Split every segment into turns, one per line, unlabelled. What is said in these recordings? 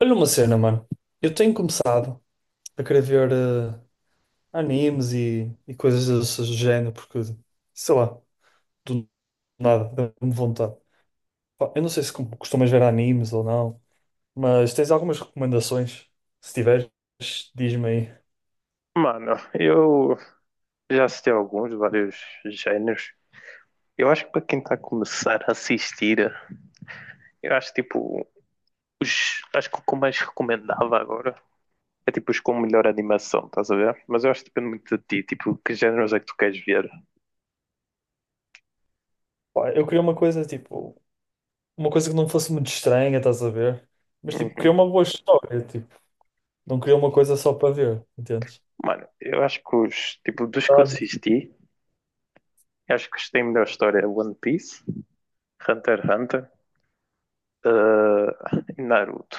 Olha uma cena, mano. Eu tenho começado a querer ver animes e coisas desse género, porque, sei lá, do nada, dá-me vontade. Pá, eu não sei se costumas ver animes ou não, mas tens algumas recomendações? Se tiveres, diz-me aí.
Mano, eu já assisti a alguns, vários géneros. Eu acho que para quem está a começar a assistir, eu acho tipo, acho que o que eu mais recomendava agora é tipo os com melhor animação, estás a ver? Mas eu acho que depende muito de ti, tipo, que géneros é que tu queres ver.
Pá, eu queria uma coisa, tipo, uma coisa que não fosse muito estranha, estás a ver? Mas, tipo, queria
Uhum.
uma boa história, tipo, não queria uma coisa só para ver, entendes?
Mano, eu acho que os, tipo, dos que eu
Ah,
assisti, eu acho que os que têm melhor história é One Piece, Hunter x Hunter, e Naruto.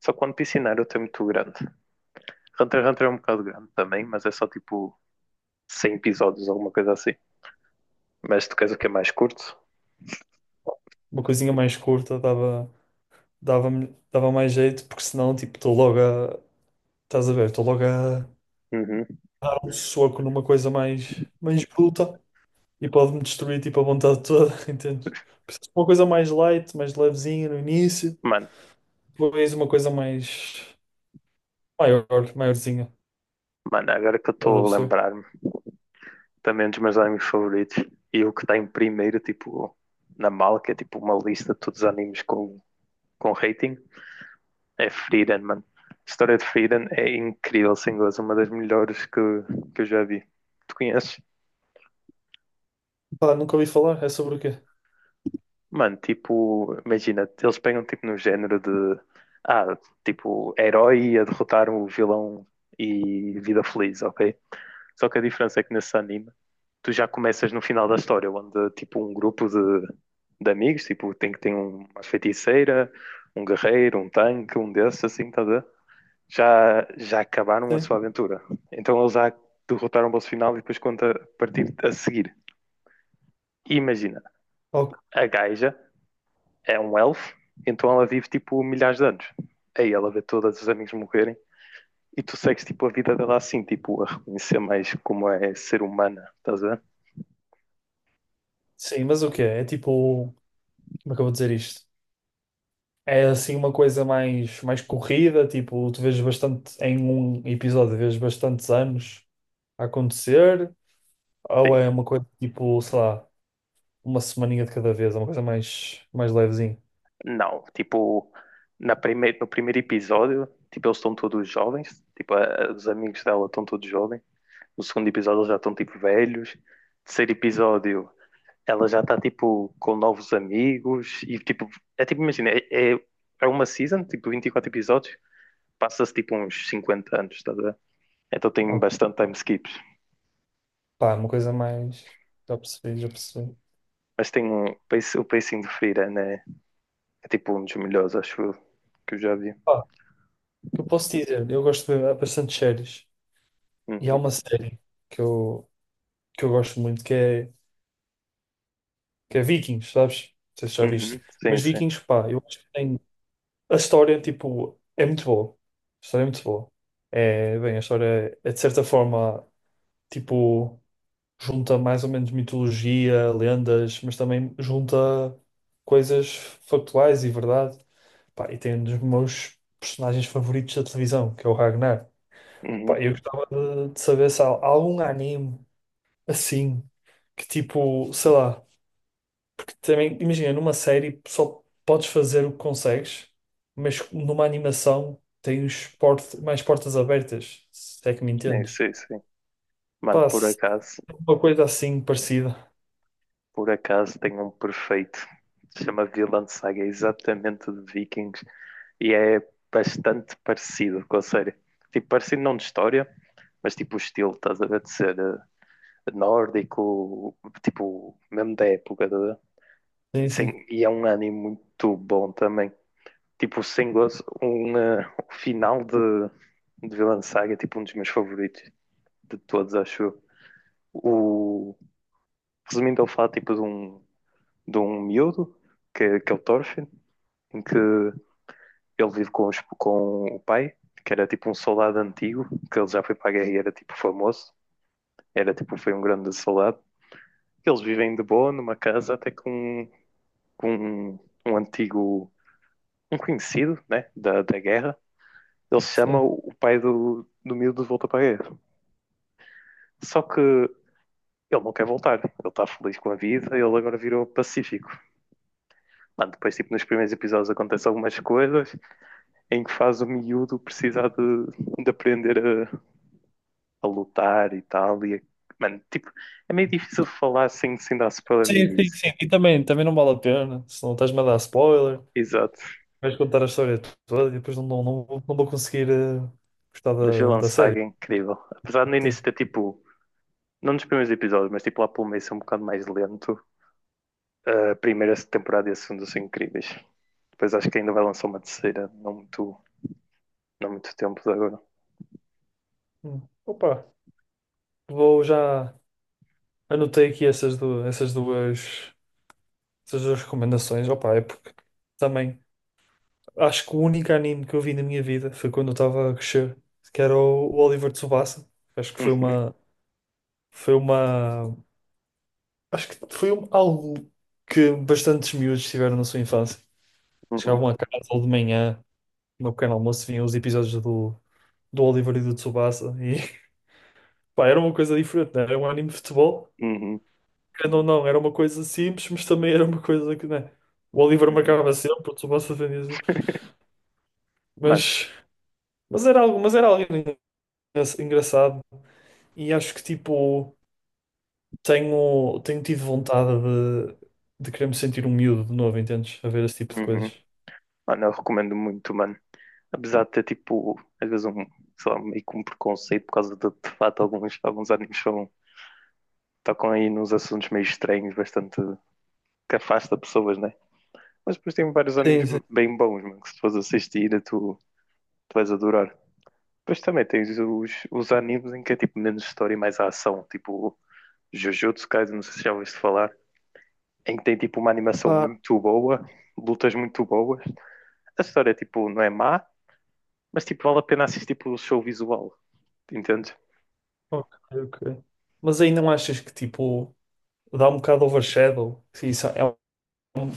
Só que One Piece e Naruto é muito grande. Hunter x Hunter é um bocado grande também, mas é só tipo 100 episódios, alguma coisa assim. Mas tu queres o que é mais curto?
uma coisinha mais curta dava, dava, dava mais jeito, porque senão, tipo, estou logo. Estás a ver? Estou logo a dar
Uhum.
um soco numa coisa mais bruta e pode-me destruir, tipo, a vontade toda, entendes? Precisas de uma coisa mais light, mais levezinha no início,
Mano,
depois uma coisa mais maior, maiorzinha.
mano, agora que eu
Estás a
estou a
perceber?
lembrar-me, também é um dos meus animes favoritos, e o que está em primeiro, tipo, na mala, que é tipo uma lista de todos os animes com rating, é Freedom, mano. A história de Freedom é incrível, sem gozo, uma das melhores que eu já vi. Tu conheces?
Pá, nunca ouvi falar. É sobre o quê?
Mano, tipo, imagina, eles pegam tipo no género de, ah, tipo, herói a derrotar o vilão e vida feliz, ok? Só que a diferença é que nesse anime tu já começas no final da história, onde tipo um grupo de amigos, tipo, tem que ter uma feiticeira, um guerreiro, um tanque, um desses, assim, tá a ver? Já acabaram a
Sim.
sua aventura. Então eles já derrotaram o boss final e depois conta a partir a seguir. E imagina,
Ok.
a gaja é um elfo, então ela vive tipo milhares de anos. Aí ela vê todos os amigos morrerem e tu segues tipo a vida dela assim, tipo, a reconhecer mais como é ser humana, estás a ver?
Sim, mas o quê? É tipo. Como é que eu vou dizer isto? É assim uma coisa mais corrida, tipo, tu vês bastante em um episódio, vês bastantes anos a acontecer, ou
Sim.
é uma coisa tipo, sei lá, uma semaninha de cada vez, é uma coisa mais levezinha.
Não, tipo, no primeiro episódio, tipo, eles estão todos jovens, tipo, os amigos dela estão todos jovens. No segundo episódio, eles já estão, tipo, velhos. Terceiro episódio, ela já está, tipo, com novos amigos. E, tipo, é tipo, imagina, é uma season, tipo, 24 episódios. Passa-se, tipo, uns 50 anos, estás a ver? Então tem
Ah,
bastante time skips.
pá, uma coisa mais. Já percebi, já percebi.
Mas tem o pacing de Freira, né? É, tipo, um dos melhores, acho eu, que eu já vi.
Pá, o que eu posso dizer? Eu gosto de ver bastante séries. E há
Uhum,
uma série que eu, que eu gosto muito que é Vikings, sabes? Não sei se já
uhum,
viste.
sim,
Mas
sim.
Vikings, pá, eu acho que tem. A história, tipo, é muito boa. A história é muito boa. É, bem, a história é, de certa forma, tipo, junta mais ou menos mitologia, lendas, mas também junta coisas factuais e verdade. Pá, e tem um dos meus personagens favoritos da televisão, que é o Ragnar. Pá,
Uhum,
eu gostava de saber se há algum anime assim, que tipo, sei lá, porque também, imagina, numa série só podes fazer o que consegues, mas numa animação tens port mais portas abertas, se é que me
sim,
entendes.
sim, sim. Mano,
Pá,
por
se
acaso,
tem uma coisa assim parecida.
por acaso tem um perfeito. Se chama Vinland Saga, é exatamente de Vikings e é bastante parecido com a série. Tipo, parecido não de história, mas tipo o estilo, estás a ver, de ser nórdico, tipo, mesmo da época, estás a ver? E,
Sim, sim.
sem- e é um anime muito bom também. Tipo, sem gozo, o final de Vinland Saga é tipo um dos meus favoritos de todos, acho eu. O, resumindo, ele fala tipo de um miúdo, que é o Thorfinn, em que ele vive com o pai, que era tipo um soldado antigo, que ele já foi para a guerra e era tipo famoso, era tipo, foi um grande soldado. Eles vivem de boa numa casa até com, um, com um, um antigo, um conhecido, né, da guerra. Ele chama o pai do miúdo de volta para a guerra. Só que ele não quer voltar, ele está feliz com a vida, ele agora virou pacífico. Mano, depois, tipo, nos primeiros episódios acontecem algumas coisas, em que faz o miúdo precisar de aprender a, a lutar e tal. Mano, tipo, é meio difícil de falar sem dar spoiler no
Sim, sim,
início.
sim. E também, também não vale a pena, senão estás-me a dar spoiler,
Exato.
vais contar a história toda e depois não vou não, vou conseguir gostar
Mas
da,
Vilão
da
Saga
série.
é incrível. Apesar de no
Sim.
início ter tipo, não nos primeiros episódios, mas tipo lá pelo meio ser um bocado mais lento, a primeira temporada e a segunda são incríveis. Depois acho que ainda vai lançar uma terceira, não muito tempo de agora.
Hum. Opa, vou já. Anotei aqui essas duas recomendações. Opa, é porque também acho que o único anime que eu vi na minha vida foi quando eu estava a crescer, que era o Oliver Tsubasa. Acho que foi uma, acho que foi algo que bastantes miúdos tiveram na sua infância.
Uhum,
Chegavam a casa ou de manhã, no meu pequeno almoço, vinham os episódios do Oliver e do Tsubasa. E pá, era uma coisa diferente, né? Era um anime de futebol,
uhum, uhum.
querendo ou não, era uma coisa simples, mas também era uma coisa que, né? O Oliver
uhum.
marcava sempre, o Tsubasa defendia sempre.
Mano,
Mas, mas era algo engraçado. E acho que, tipo, tenho, tenho tido vontade de querer me sentir um miúdo de novo, entendes? A ver esse tipo de
uhum.
coisas.
Mano, eu recomendo muito, mano. Apesar de ter tipo, às vezes um, sei lá, meio que um preconceito por causa de fato alguns animes são, tocam aí nos assuntos meio estranhos, bastante que afasta pessoas, né? Mas depois tem vários animes
Sim, sim.
bem bons, mano, que se tu fores assistir, tu vais adorar. Depois também tens os animes em que é tipo menos história e mais ação, tipo Jujutsu Kaisen, não sei se já ouviste falar, em que tem tipo uma animação
Pá,
muito boa, lutas muito boas. A história tipo não é má, mas tipo vale a pena assistir pelo show visual, entende?
ok, ok. Mas aí não achas que, tipo, dá um bocado overshadow. Isso é um-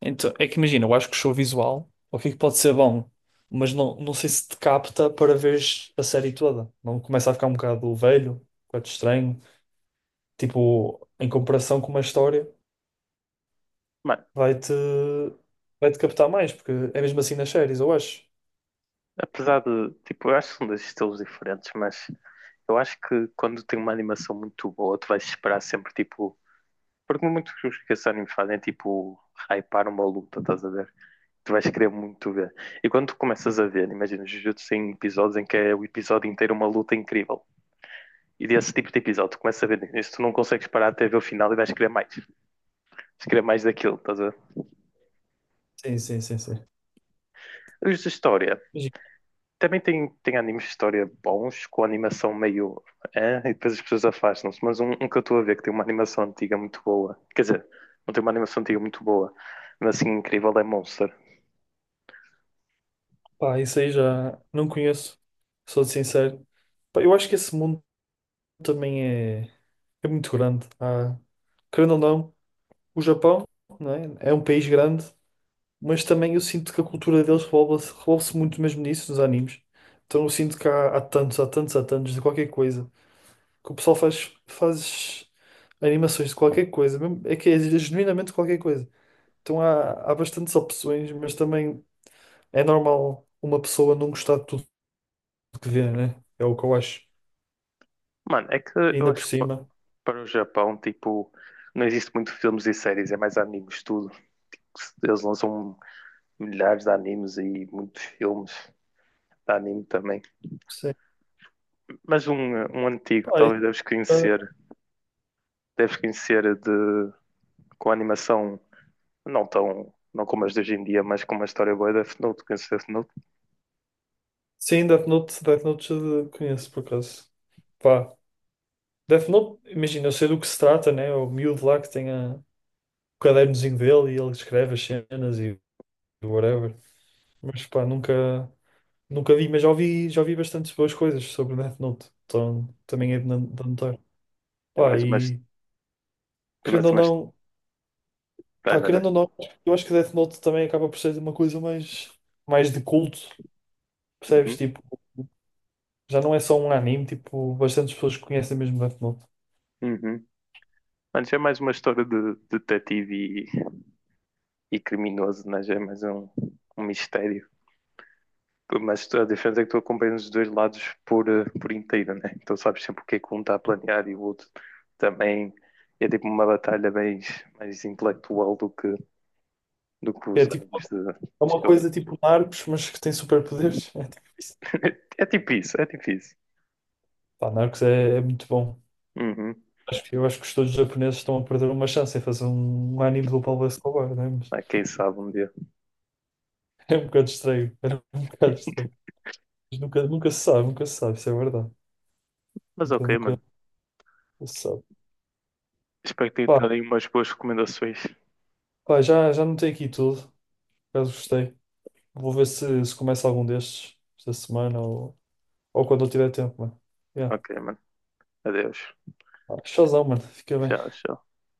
então, é que imagina, eu acho que o show visual, o que é que pode ser bom, mas não, não sei se te capta para veres a série toda. Não começa a ficar um bocado velho, um bocado estranho. Tipo, em comparação com uma história,
Mano,
vai-te vai-te captar mais, porque é mesmo assim nas séries, eu acho.
apesar de, tipo, eu acho que são dois estilos diferentes, mas eu acho que quando tem uma animação muito boa, tu vais esperar sempre, tipo, porque muitos que esses animes fazem é, tipo, hypar uma luta, estás a ver? Tu vais querer muito ver. E quando tu começas a ver, imagina, Jujutsu tem episódios em que é o episódio inteiro uma luta incrível. E desse tipo de episódio, tu começas a ver isso, tu não consegues parar até ver o final e vais querer mais. Vais querer mais daquilo, estás a ver?
Sim, sim, sim, sim.
Os de história.
Mas,
Também tem animes de história bons, com animação meio. E depois as pessoas afastam-se. Mas um que eu estou a ver que tem uma animação antiga muito boa. Quer dizer, não tem uma animação antiga muito boa, mas assim incrível é Monster.
pá, isso aí já não conheço, sou sincero. Pá, eu acho que esse mundo também é, é muito grande. Querendo ou não, o Japão, não é? É um país grande, mas também eu sinto que a cultura deles revolve-se muito mesmo nisso, nos animes. Então eu sinto que há tantos de qualquer coisa que o pessoal faz animações de qualquer coisa, é que é genuinamente qualquer coisa. Então há bastantes opções, mas também é normal uma pessoa não gostar de tudo que vê, né? É o que eu acho.
Mano, é que eu
Ainda por
acho que pa-
cima.
para o Japão, tipo, não existe muito filmes e séries, é mais animes, tudo. Eles lançam milhares de animes e muitos filmes de anime também.
Sim.
Mas um antigo,
Pá, e,
talvez deves
ah,
conhecer, deves conhecer de, com animação não tão, não como as de hoje em dia, mas com uma história boa da Fnut, que se Fnut
sim, Death Note, Death Note já conheço, por acaso. Pá, Death Note, imagina, eu sei do que se trata, né? O miúdo lá que tem o cadernozinho dele e ele escreve as cenas e whatever. Mas pá, nunca, nunca vi, mas já ouvi bastantes boas coisas sobre Death Note. Então também é de de anotar.
é
Pá,
mais umas,
e querendo
mais
ou
umas,
não,
vai,
pá,
vai, vai.
querendo ou não, eu acho que Death Note também acaba por ser uma coisa mais, mais de culto, percebes?
Uhum,
Tipo, já não é só um anime, tipo, bastantes pessoas conhecem mesmo Death Note.
uhum. Mano, é mais uma história de detetive e criminoso, né? Já é mais um mistério. Mas a diferença é que tu acompanhas os dois lados por inteiro, né? Então sabes sempre o que é que um está a planear e o outro também é tipo uma batalha mais intelectual do que
É
os
tipo,
anos de
é uma
Shonen.
coisa tipo Narcos, mas que tem superpoderes. É tipo isso.
É tipo isso, é tipo isso.
Pá, Narcos é, é muito bom.
Uhum.
Acho que, eu acho que os todos japoneses estão a perder uma chance em fazer um anime do Pablo Escobar, né? Mas
Ah, quem sabe um dia.
é um bocado estranho. Era um bocado estranho. Mas nunca, nunca se sabe, nunca se sabe, isso é verdade.
Mas
Nunca,
ok, mano.
nunca se sabe.
Espero que tenha
Pá,
dado aí umas boas recomendações.
pá, já, já notei aqui tudo. Por acaso gostei. Vou ver se, se começa algum destes esta semana ou quando eu tiver tempo, mano. Yeah.
Ok, mano. Adeus.
Pá, showzão, mano. Fica bem.
Tchau, tchau.